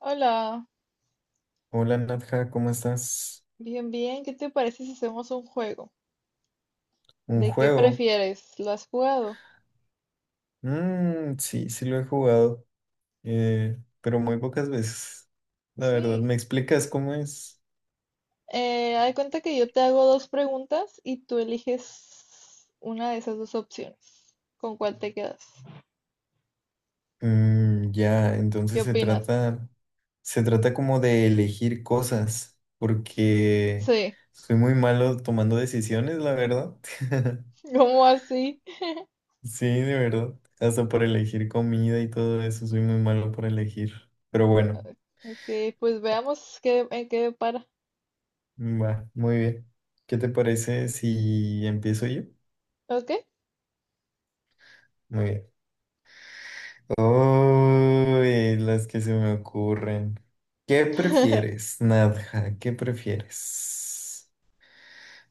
Hola, Hola Nadja, ¿cómo estás? bien, bien. ¿Qué te parece si hacemos un juego? ¿Un ¿De qué juego? prefieres? ¿Lo has jugado? Mm, sí, sí lo he jugado, pero muy pocas veces. La verdad, Sí. ¿me explicas cómo es? Haz de cuenta que yo te hago dos preguntas y tú eliges una de esas dos opciones. ¿Con cuál te quedas? Mm, ya, ¿Qué entonces se opinas? trata, se trata como de elegir cosas, porque Sí. soy muy malo tomando decisiones, la verdad. ¿Cómo así? Sí, de verdad. Hasta por elegir comida y todo eso, soy muy malo por elegir. Pero bueno, Ok, pues veamos qué, en qué para. va, muy bien. ¿Qué te parece si empiezo yo? ¿Ok? Muy bien. Uy, las que se me ocurren. ¿Qué prefieres, Nadja? ¿Qué prefieres?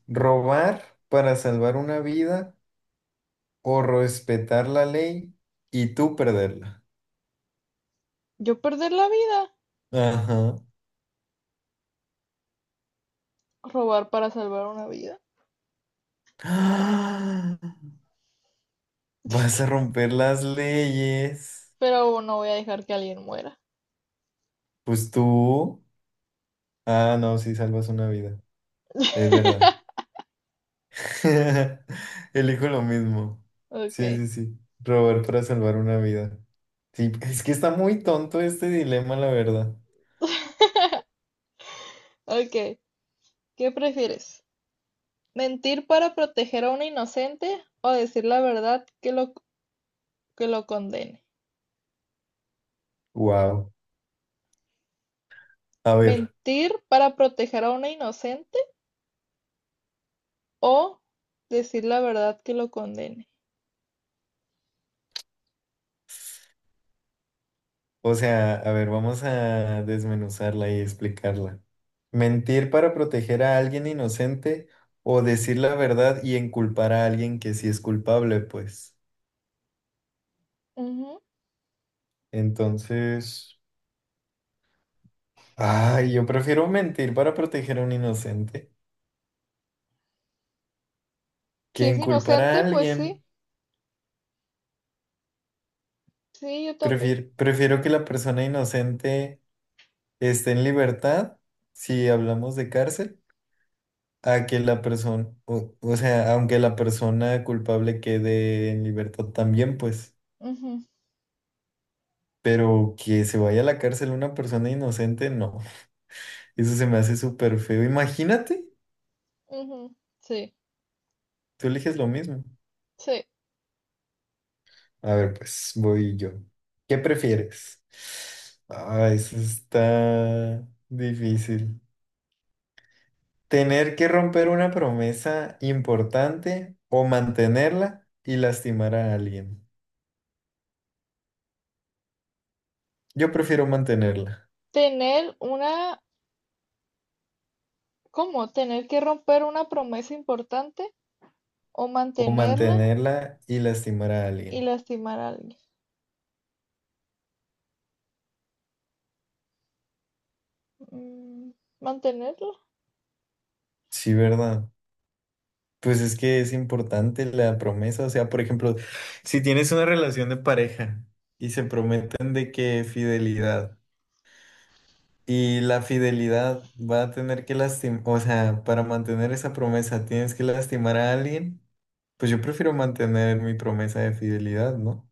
¿Robar para salvar una vida o respetar la ley y tú perderla? Yo perder la vida. Ajá. Robar para salvar una vida. ¡Ah! ¿Vas a romper las leyes? Pero no voy a dejar que alguien muera. Pues tú. Ah, no, si salvas una vida. Es verdad. Elijo lo mismo. Ok. Sí, sí, sí. Robar para salvar una vida. Sí, es que está muy tonto este dilema, la verdad. Ok. ¿Qué prefieres, mentir para proteger a un inocente o decir la verdad que que lo condene? Wow. A ver, ¿Mentir para proteger a una inocente o decir la verdad que lo condene? o sea, a ver, vamos a desmenuzarla y explicarla. Mentir para proteger a alguien inocente o decir la verdad y enculpar a alguien que sí es culpable, pues. Ujú. Entonces, ay, yo prefiero mentir para proteger a un inocente Si que es enculpar a inocente, pues sí, alguien. sí, yo también. Prefiero que la persona inocente esté en libertad, si hablamos de cárcel, a que la persona, o sea, aunque la persona culpable quede en libertad también, pues, Ujú, pero que se vaya a la cárcel una persona inocente, no, eso se me hace súper feo. Imagínate, ujú, sí, tú eliges lo mismo. sí. A ver, pues, voy yo. ¿Qué prefieres? Ah, eso está difícil. Tener que romper una promesa importante o mantenerla y lastimar a alguien. Yo prefiero mantenerla Tener una, ¿cómo? Tener que romper una promesa importante o o mantenerla mantenerla y lastimar a y alguien. lastimar a alguien. Mm, mantenerla, Sí, ¿verdad? Pues es que es importante la promesa. O sea, por ejemplo, si tienes una relación de pareja y se prometen de que fidelidad y la fidelidad va a tener que lastimar, o sea, para mantener esa promesa tienes que lastimar a alguien, pues yo prefiero mantener mi promesa de fidelidad, ¿no?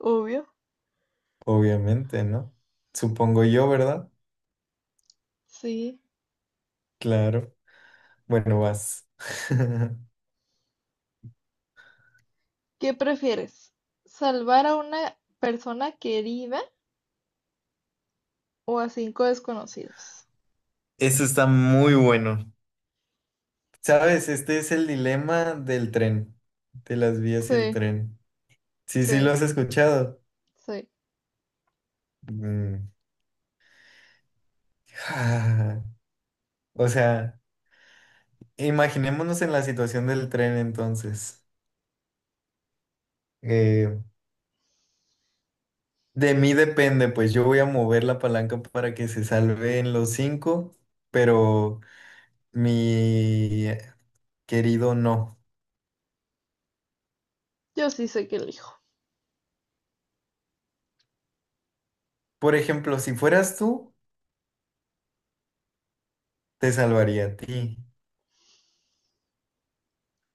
obvio, Obviamente, ¿no? Supongo yo, ¿verdad? sí. Claro. Bueno, vas. ¿Qué prefieres, salvar a una persona querida o a cinco desconocidos? Eso está muy bueno. ¿Sabes? Este es el dilema del tren, de las vías y el Sí, tren. Sí, sí, lo sí, has escuchado. sí. Mm. O sea, imaginémonos en la situación del tren entonces. Eh, de mí depende, pues yo voy a mover la palanca para que se salven los cinco, pero mi querido no. Yo sí sé que elijo. Por ejemplo, si fueras tú, te salvaría a ti.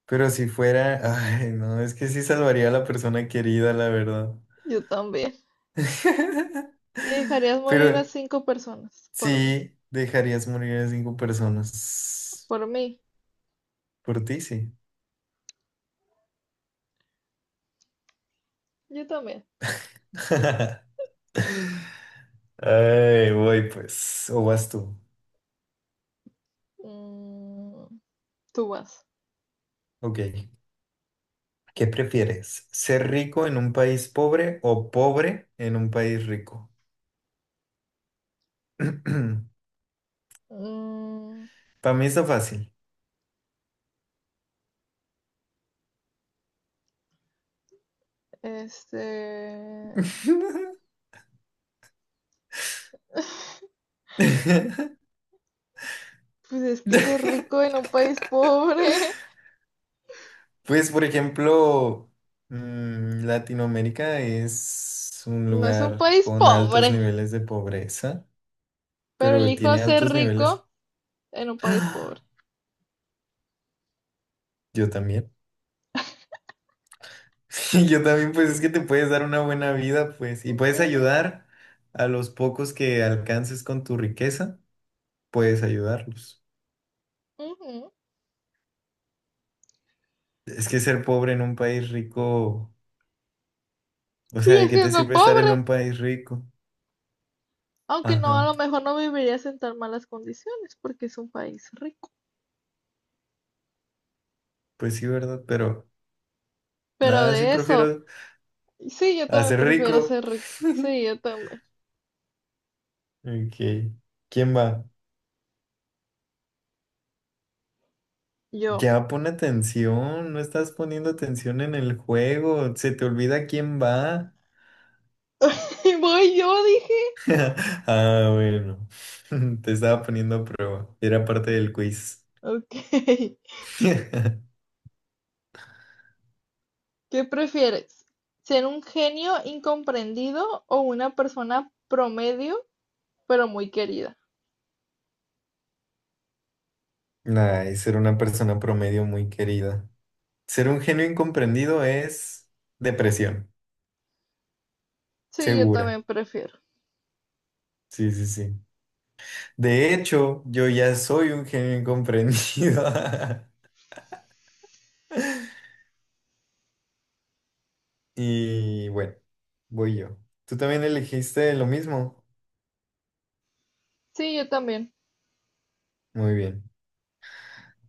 Pero si fuera, ay, no, es que sí salvaría a la persona querida, la verdad. Yo también. ¿Y dejarías morir a Pero cinco personas por mí? sí, dejarías morir a cinco personas. Por mí. Por ti, sí. Yo también. Ay, voy pues. O vas tú. Mm, tú vas. Ok. ¿Qué prefieres? ¿Ser rico en un país pobre o pobre en un país rico? Mm, Para mí está fácil. este... Pues es que ser rico en un país pobre. Pues, por ejemplo, mm, Latinoamérica es un No es un lugar país con altos pobre, niveles de pobreza, pero pero elijo tiene ser altos niveles. rico en un país pobre. ¡Ah! Yo también. Yo también, pues es que te puedes dar una buena vida, pues, y puedes Ujú, ayudar a los pocos que alcances con tu riqueza, puedes ayudarlos. ujú. Es que ser pobre en un país rico, o sea, Sigue ¿de qué te siendo sirve estar en pobre, un país rico? aunque no, a Ajá, lo mejor no vivirías en tan malas condiciones porque es un país rico. pues sí, ¿verdad? Pero Pero nada, sí de eso, prefiero sí, yo también hacer prefiero rico. ser rico. Sí, yo también. Ok. ¿Quién va? Yo. Ya pon atención, no estás poniendo atención en el juego, se te olvida quién va. Y voy, yo dije. Ah, bueno, te estaba poniendo a prueba, era parte Mm, del quiz. Ok. ¿Qué prefieres? ¿Ser un genio incomprendido o una persona promedio pero muy querida? Ay, ser una persona promedio muy querida. Ser un genio incomprendido es depresión, Sí, yo segura. también prefiero. Sí, sí, sí. De hecho, yo ya soy un genio incomprendido. Y bueno, voy yo. ¿Tú también elegiste lo mismo? Sí, yo también. Muy bien.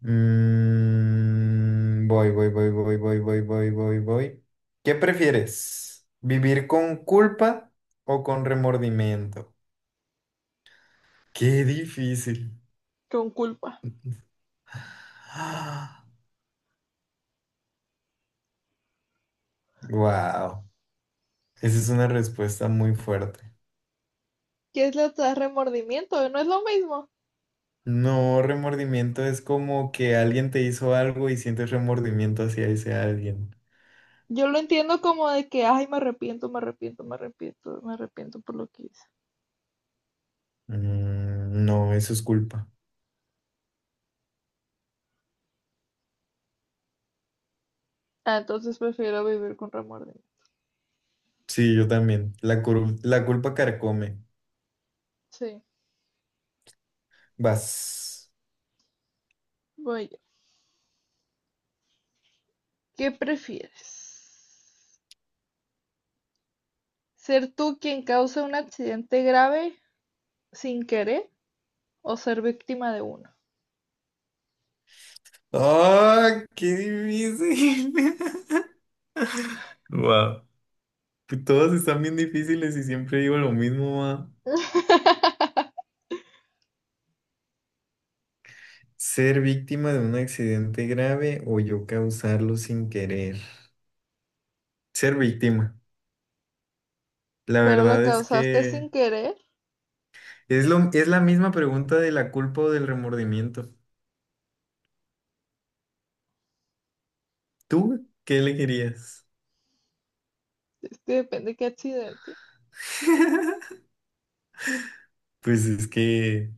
Mm, voy, voy, voy, voy, voy, voy, voy, voy, voy. ¿Qué prefieres? ¿Vivir con culpa o con remordimiento? Qué difícil. Con culpa. Wow, esa es una respuesta muy fuerte. ¿Qué es lo que da remordimiento? No es lo mismo. No, remordimiento es como que alguien te hizo algo y sientes remordimiento hacia ese alguien. Yo lo entiendo como de que, ay, me arrepiento, me arrepiento, me arrepiento, me arrepiento por lo que hice. Mm, no, eso es culpa. Ah, entonces prefiero vivir con remordimiento. Sí, yo también. La culpa carcome. Sí, Vas. voy yo. ¿Qué prefieres? ¿Ser tú quien causa un accidente grave sin querer o ser víctima de uno? ¡Ah! ¡Qué difícil! Wow. Todos están bien difíciles y siempre digo lo mismo, ma. Ser víctima de un accidente grave o yo causarlo sin querer. Ser víctima. La Pero lo verdad es causaste sin que querer, es la misma pregunta de la culpa o del remordimiento. ¿Tú qué elegirías? es que depende de qué accidente. Pues es que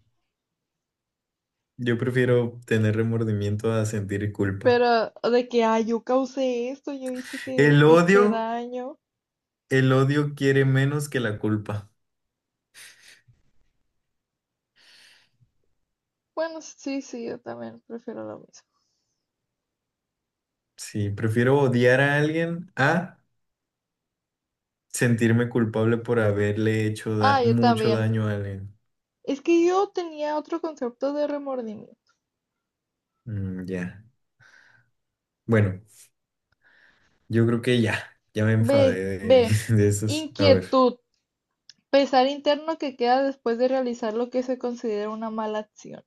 yo prefiero tener remordimiento a sentir culpa. Pero de que, ay, yo causé esto, yo hice que El este odio, daño. el odio quiere menos que la culpa. Bueno, sí, sí, yo también prefiero lo mismo. Sí, prefiero odiar a alguien a sentirme culpable por haberle hecho Ah, yo mucho también. daño a alguien. Es que yo tenía otro concepto de remordimiento. Mm, ya. Bueno, yo creo que ya me B, enfadé de, B, de esos. A ver. inquietud, pesar interno que queda después de realizar lo que se considera una mala acción.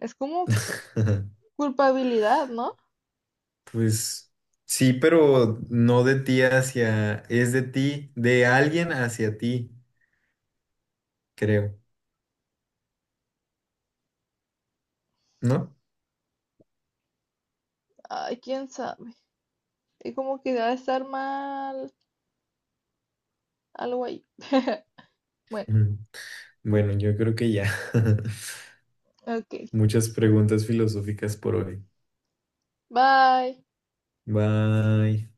Es como culpabilidad, ¿no? Pues sí, pero no de ti hacia, es de ti, de alguien hacia ti, creo, ¿no? Ay, quién sabe. Es como que debe estar mal, algo ahí. Bueno, Mm. Bueno, yo creo que ya. ok. Muchas preguntas filosóficas por hoy. Bye. Bye.